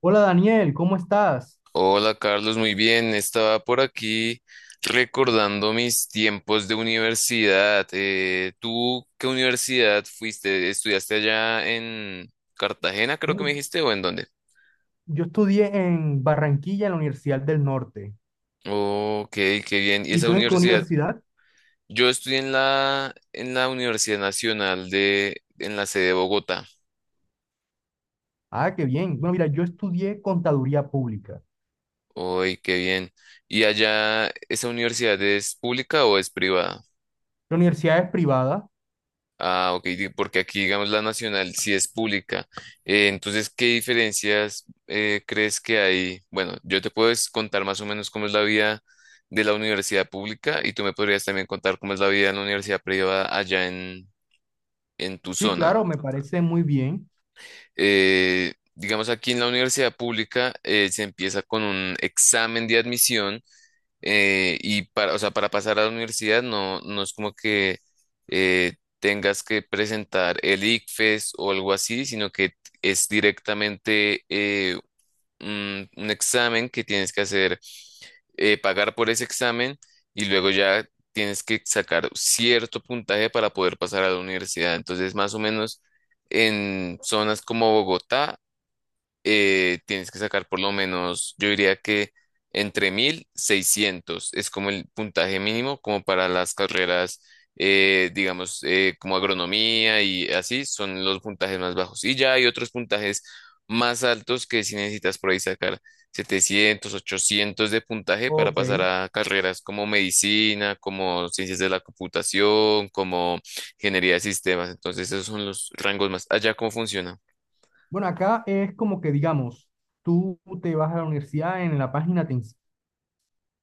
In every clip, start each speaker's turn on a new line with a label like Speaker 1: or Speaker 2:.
Speaker 1: Hola Daniel, ¿cómo estás?
Speaker 2: Hola Carlos, muy bien. Estaba por aquí recordando mis tiempos de universidad. ¿Tú qué universidad fuiste? ¿Estudiaste allá en Cartagena, creo que me
Speaker 1: Bueno,
Speaker 2: dijiste, o en dónde?
Speaker 1: yo estudié en Barranquilla, en la Universidad del Norte.
Speaker 2: Ok, qué bien. ¿Y
Speaker 1: ¿Y
Speaker 2: esa
Speaker 1: tú en qué
Speaker 2: universidad?
Speaker 1: universidad?
Speaker 2: Yo estudié en la Universidad Nacional de, en la sede de Bogotá.
Speaker 1: Ah, qué bien. Bueno, mira, yo estudié contaduría pública.
Speaker 2: Uy, qué bien. ¿Y allá esa universidad es pública o es privada?
Speaker 1: ¿La universidad es privada?
Speaker 2: Ah, ok, porque aquí, digamos, la nacional sí es pública. Entonces, ¿qué diferencias crees que hay? Bueno, yo te puedo contar más o menos cómo es la vida de la universidad pública y tú me podrías también contar cómo es la vida en la universidad privada allá en tu
Speaker 1: Sí,
Speaker 2: zona.
Speaker 1: claro, me parece muy bien.
Speaker 2: Digamos, aquí en la universidad pública se empieza con un examen de admisión, y para, o sea, para pasar a la universidad no es como que eh, tengas que presentar el ICFES o algo así, sino que es directamente, un examen que tienes que hacer, pagar por ese examen y luego ya tienes que sacar cierto puntaje para poder pasar a la universidad. Entonces, más o menos en zonas como Bogotá, tienes que sacar por lo menos, yo diría que entre 1600 es como el puntaje mínimo, como para las carreras, digamos, como agronomía y así, son los puntajes más bajos. Y ya hay otros puntajes más altos que si necesitas por ahí sacar 700 800 de puntaje para
Speaker 1: Ok.
Speaker 2: pasar a carreras como medicina, como ciencias de la computación, como ingeniería de sistemas. Entonces, esos son los rangos más. Allá, ¿cómo funciona?
Speaker 1: Bueno, acá es como que, digamos, tú te vas a la universidad, en la página te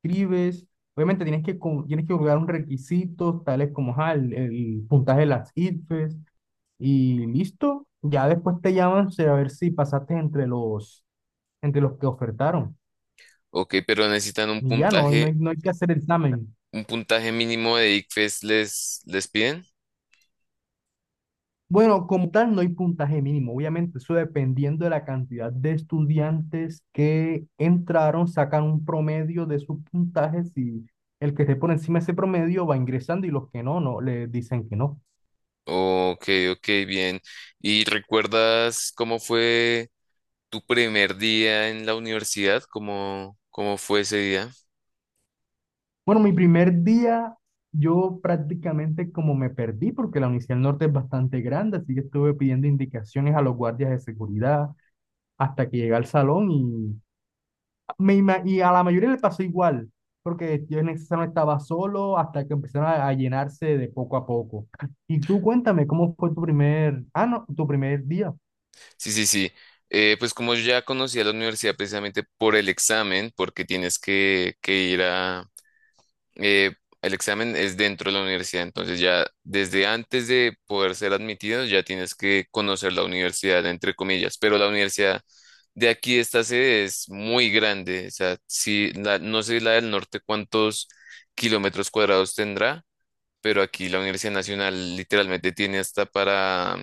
Speaker 1: inscribes. Obviamente tienes que cubrir un requisito, tales como ajá, el puntaje de las IFES. Y listo, ya después te llaman a ver si pasaste entre los que ofertaron.
Speaker 2: Ok, pero necesitan un
Speaker 1: Y ya no, no hay,
Speaker 2: puntaje,
Speaker 1: no hay que hacer examen.
Speaker 2: un puntaje mínimo de ICFES les piden.
Speaker 1: Bueno, como tal, no hay puntaje mínimo. Obviamente, eso dependiendo de la cantidad de estudiantes que entraron, sacan un promedio de sus puntajes y el que esté por encima de ese promedio va ingresando y los que no, no, le dicen que no.
Speaker 2: Ok, ok, bien. ¿Y recuerdas cómo fue tu primer día en la universidad? ¿Cómo fue ese día?
Speaker 1: Bueno, mi primer día, yo prácticamente como me perdí, porque la Universidad del Norte es bastante grande, así que estuve pidiendo indicaciones a los guardias de seguridad hasta que llegué al salón y a la mayoría le pasó igual, porque yo en ese salón estaba solo hasta que empezaron a llenarse de poco a poco. Y tú cuéntame, ¿cómo fue tu primer, ah, no, tu primer día?
Speaker 2: Sí, sí, sí. Pues como yo ya conocía la universidad precisamente por el examen, porque tienes que ir a eh, el examen es dentro de la universidad, entonces ya desde antes de poder ser admitido ya tienes que conocer la universidad, entre comillas, pero la universidad de aquí, esta sede es muy grande, o sea, no sé la del norte cuántos kilómetros cuadrados tendrá, pero aquí la Universidad Nacional literalmente tiene hasta para,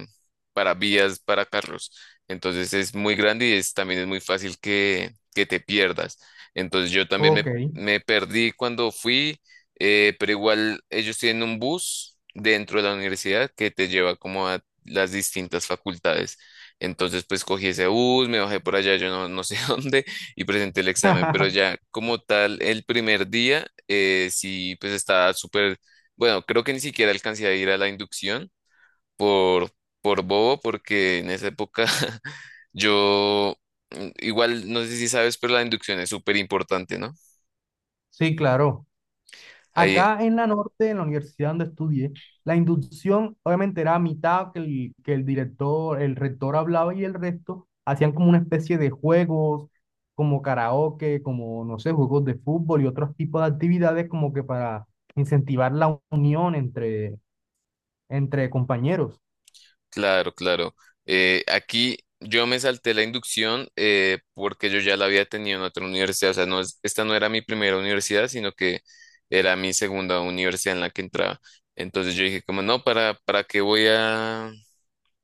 Speaker 2: para vías para carros. Entonces es muy grande también es muy fácil que te pierdas. Entonces yo también
Speaker 1: Ok.
Speaker 2: me perdí cuando fui, pero igual ellos tienen un bus dentro de la universidad que te lleva como a las distintas facultades. Entonces pues cogí ese bus, me bajé por allá, yo no sé dónde, y presenté el examen, pero ya como tal el primer día, sí pues estaba súper bueno, creo que ni siquiera alcancé a ir a la inducción por, por, bobo, porque en esa época yo, igual, no sé si sabes, pero la inducción es súper importante, ¿no?
Speaker 1: Sí, claro.
Speaker 2: Ahí,
Speaker 1: Acá en la norte, en la universidad donde estudié, la inducción obviamente era a mitad que el director, el rector hablaba y el resto hacían como una especie de juegos, como karaoke, como, no sé, juegos de fútbol y otros tipos de actividades como que para incentivar la unión entre compañeros.
Speaker 2: claro, claro. Aquí yo me salté la inducción, porque yo ya la había tenido en otra universidad, o sea, no, esta no era mi primera universidad, sino que era mi segunda universidad en la que entraba. Entonces yo dije, como no, ¿para, qué voy a...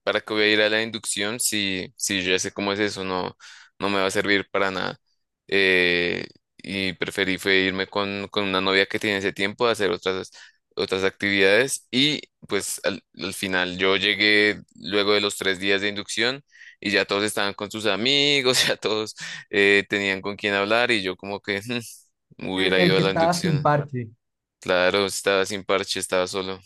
Speaker 2: ¿Para que voy a ir a la inducción si yo ya sé cómo es eso? No, no me va a servir para nada. Eh, y preferí fue irme con, una novia que tiene ese tiempo a hacer otras, actividades. Y pues al final yo llegué luego de los 3 días de inducción y ya todos estaban con sus amigos, ya todos, tenían con quién hablar y yo como que
Speaker 1: El,
Speaker 2: hubiera
Speaker 1: el
Speaker 2: ido
Speaker 1: que
Speaker 2: a la
Speaker 1: estaba sin
Speaker 2: inducción.
Speaker 1: parche.
Speaker 2: Claro, estaba sin parche, estaba solo.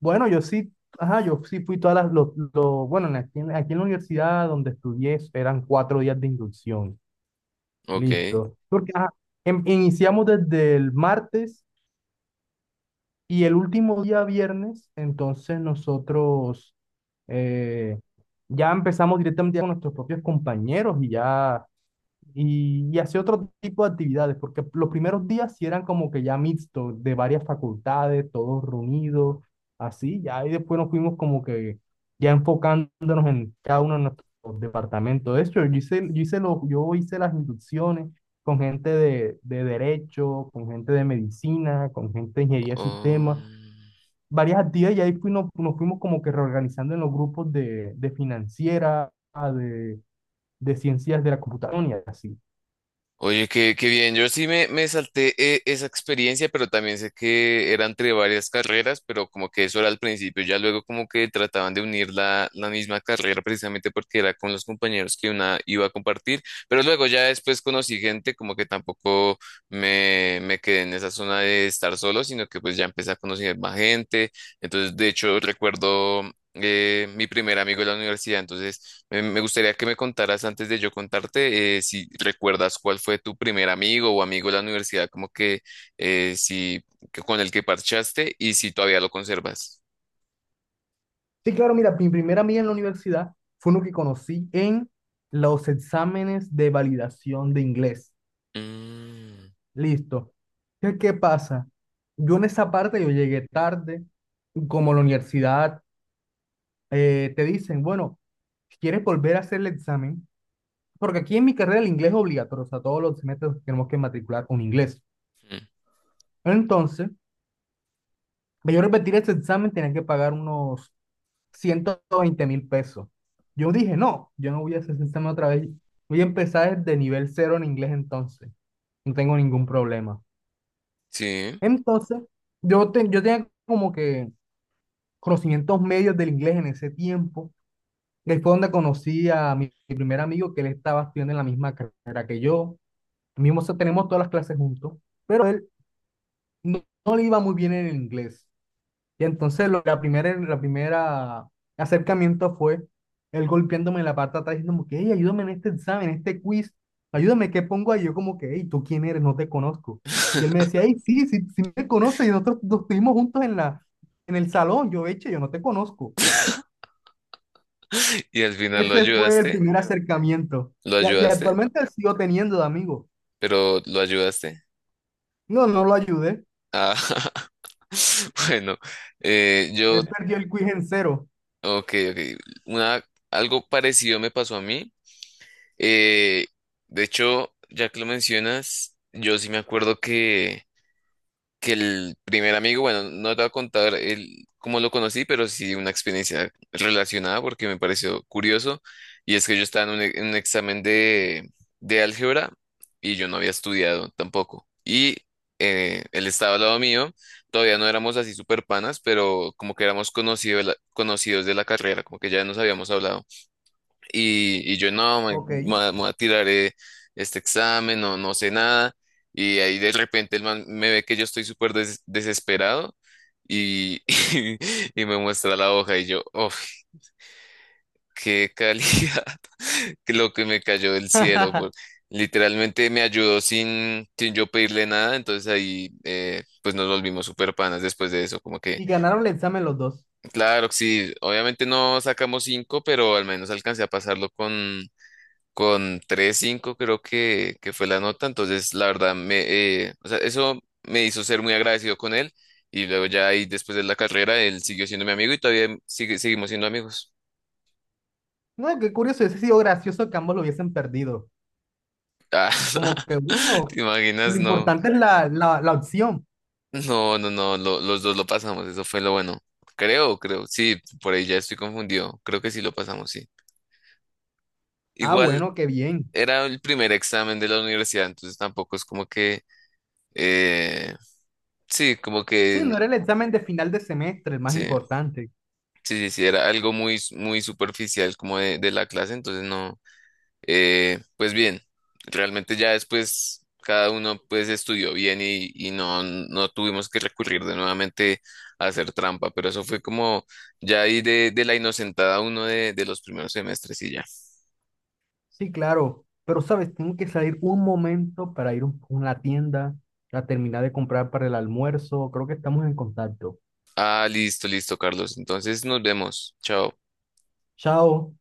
Speaker 1: Bueno, yo sí, ajá, yo sí fui todas bueno, en aquí en la universidad donde estudié eran 4 días de inducción.
Speaker 2: Ok.
Speaker 1: Listo. Porque ajá, iniciamos desde el martes y el último día viernes, entonces nosotros eh, ya empezamos directamente con nuestros propios compañeros y ya y hacía otro tipo de actividades, porque los primeros días sí eran como que ya mixto, de varias facultades, todos reunidos, así, ya, y después nos fuimos como que ya enfocándonos en cada uno de nuestros departamentos. De hecho, yo hice las inducciones con gente de derecho, con gente de medicina, con gente de ingeniería de sistemas,
Speaker 2: Um,
Speaker 1: varias actividades, y ahí fuimos nos fuimos como que reorganizando en los grupos de financiera, de, de ciencias de la computación y así.
Speaker 2: Oye, qué bien. Yo sí me salté, esa experiencia, pero también sé que era entre varias carreras, pero como que eso era al principio. Ya luego como que trataban de unir la misma carrera precisamente porque era con los compañeros que una iba a compartir. Pero luego ya después conocí gente como que tampoco me quedé en esa zona de estar solo, sino que pues ya empecé a conocer más gente. Entonces, de hecho, recuerdo, mi primer amigo de la universidad. Entonces, me gustaría que me contaras antes de yo contarte, si recuerdas cuál fue tu primer amigo o amigo de la universidad, como que si que con el que parchaste y si todavía lo conservas.
Speaker 1: Sí, claro, mira, mi primera amiga en la universidad fue uno que conocí en los exámenes de validación de inglés.
Speaker 2: Mm,
Speaker 1: Listo. ¿Qué pasa? Yo en esa parte yo llegué tarde, como en la universidad te dicen, bueno, si quieres volver a hacer el examen, porque aquí en mi carrera el inglés es obligatorio, o sea, todos los semestres tenemos que matricular un inglés.
Speaker 2: mm,
Speaker 1: Entonces, para yo repetir ese examen tenía que pagar unos 120.000 pesos. Yo dije, no, yo no voy a hacer ese examen otra vez. Voy a empezar desde nivel cero en inglés entonces. No tengo ningún problema.
Speaker 2: sí.
Speaker 1: Entonces, yo tenía como que conocimientos medios del inglés en ese tiempo. Y ahí fue donde conocí a mi primer amigo que él estaba estudiando en la misma carrera que yo. Mismo, o sea, tenemos todas las clases juntos, pero él no le iba muy bien en el inglés. Y entonces la primera acercamiento fue él golpeándome la pata atrás diciendo como que, hey, ayúdame en este examen, en este quiz, ayúdame, ¿qué pongo ahí? Yo como que, hey, ¿tú quién eres? No te conozco. Y él me decía, hey, sí, sí, sí me conoces, y nosotros nos estuvimos juntos en el salón, yo no te conozco.
Speaker 2: Y al final
Speaker 1: Ese fue el primer acercamiento.
Speaker 2: lo
Speaker 1: Y
Speaker 2: ayudaste,
Speaker 1: actualmente él sigo teniendo de amigo.
Speaker 2: pero lo ayudaste.
Speaker 1: No, no lo ayudé.
Speaker 2: Ah, bueno, eh, yo,
Speaker 1: Él perdió el quiz en cero.
Speaker 2: ok, ok. Una, Algo parecido me pasó a mí. Eh, de hecho, ya que lo mencionas, yo sí me acuerdo que, el primer amigo, bueno, no te voy a contar cómo lo conocí, pero sí una experiencia relacionada porque me pareció curioso. Y es que yo estaba en un examen de álgebra y yo no había estudiado tampoco. Y él estaba al lado mío, todavía no éramos así super panas, pero como que éramos conocido conocidos de la carrera, como que ya nos habíamos hablado. Y yo no, me,
Speaker 1: Ok.
Speaker 2: me voy a tirar este examen, no sé nada. Y ahí de repente el man me ve que yo estoy súper desesperado y, y, me muestra la hoja y yo, oh, qué calidad, que lo que me cayó del cielo. Literalmente me ayudó sin, yo pedirle nada, entonces ahí, pues nos volvimos súper panas después de eso, como que,
Speaker 1: Y ganaron el examen los dos.
Speaker 2: claro, sí, obviamente no sacamos cinco, pero al menos alcancé a pasarlo con 3,5 creo que fue la nota, entonces la verdad, o sea, eso me hizo ser muy agradecido con él y luego ya ahí después de la carrera él siguió siendo mi amigo y todavía seguimos siendo amigos.
Speaker 1: No, qué curioso, hubiese sido gracioso que ambos lo hubiesen perdido.
Speaker 2: Ah,
Speaker 1: Como que,
Speaker 2: ¿te
Speaker 1: bueno, lo
Speaker 2: imaginas? No,
Speaker 1: importante es la opción.
Speaker 2: no, no, no, los dos lo pasamos, eso fue lo bueno. Creo, creo, sí, por ahí ya estoy confundido, creo que sí lo pasamos, sí.
Speaker 1: Ah,
Speaker 2: Igual
Speaker 1: bueno, qué bien.
Speaker 2: era el primer examen de la universidad, entonces tampoco es como que, eh, sí, como
Speaker 1: Sí,
Speaker 2: que,
Speaker 1: no era el examen de final de semestre, el más
Speaker 2: sí.
Speaker 1: importante.
Speaker 2: Sí, sí, sí, era algo muy, muy superficial como de, la clase, entonces no, pues bien, realmente ya después cada uno pues estudió bien y no tuvimos que recurrir de nuevamente a hacer trampa, pero eso fue como ya ahí de, la inocentada uno de los primeros semestres y ya.
Speaker 1: Sí, claro. Pero, ¿sabes? Tengo que salir un momento para ir a una tienda, a terminar de comprar para el almuerzo. Creo que estamos en contacto.
Speaker 2: Ah, listo, listo, Carlos, entonces nos vemos, chao.
Speaker 1: Chao.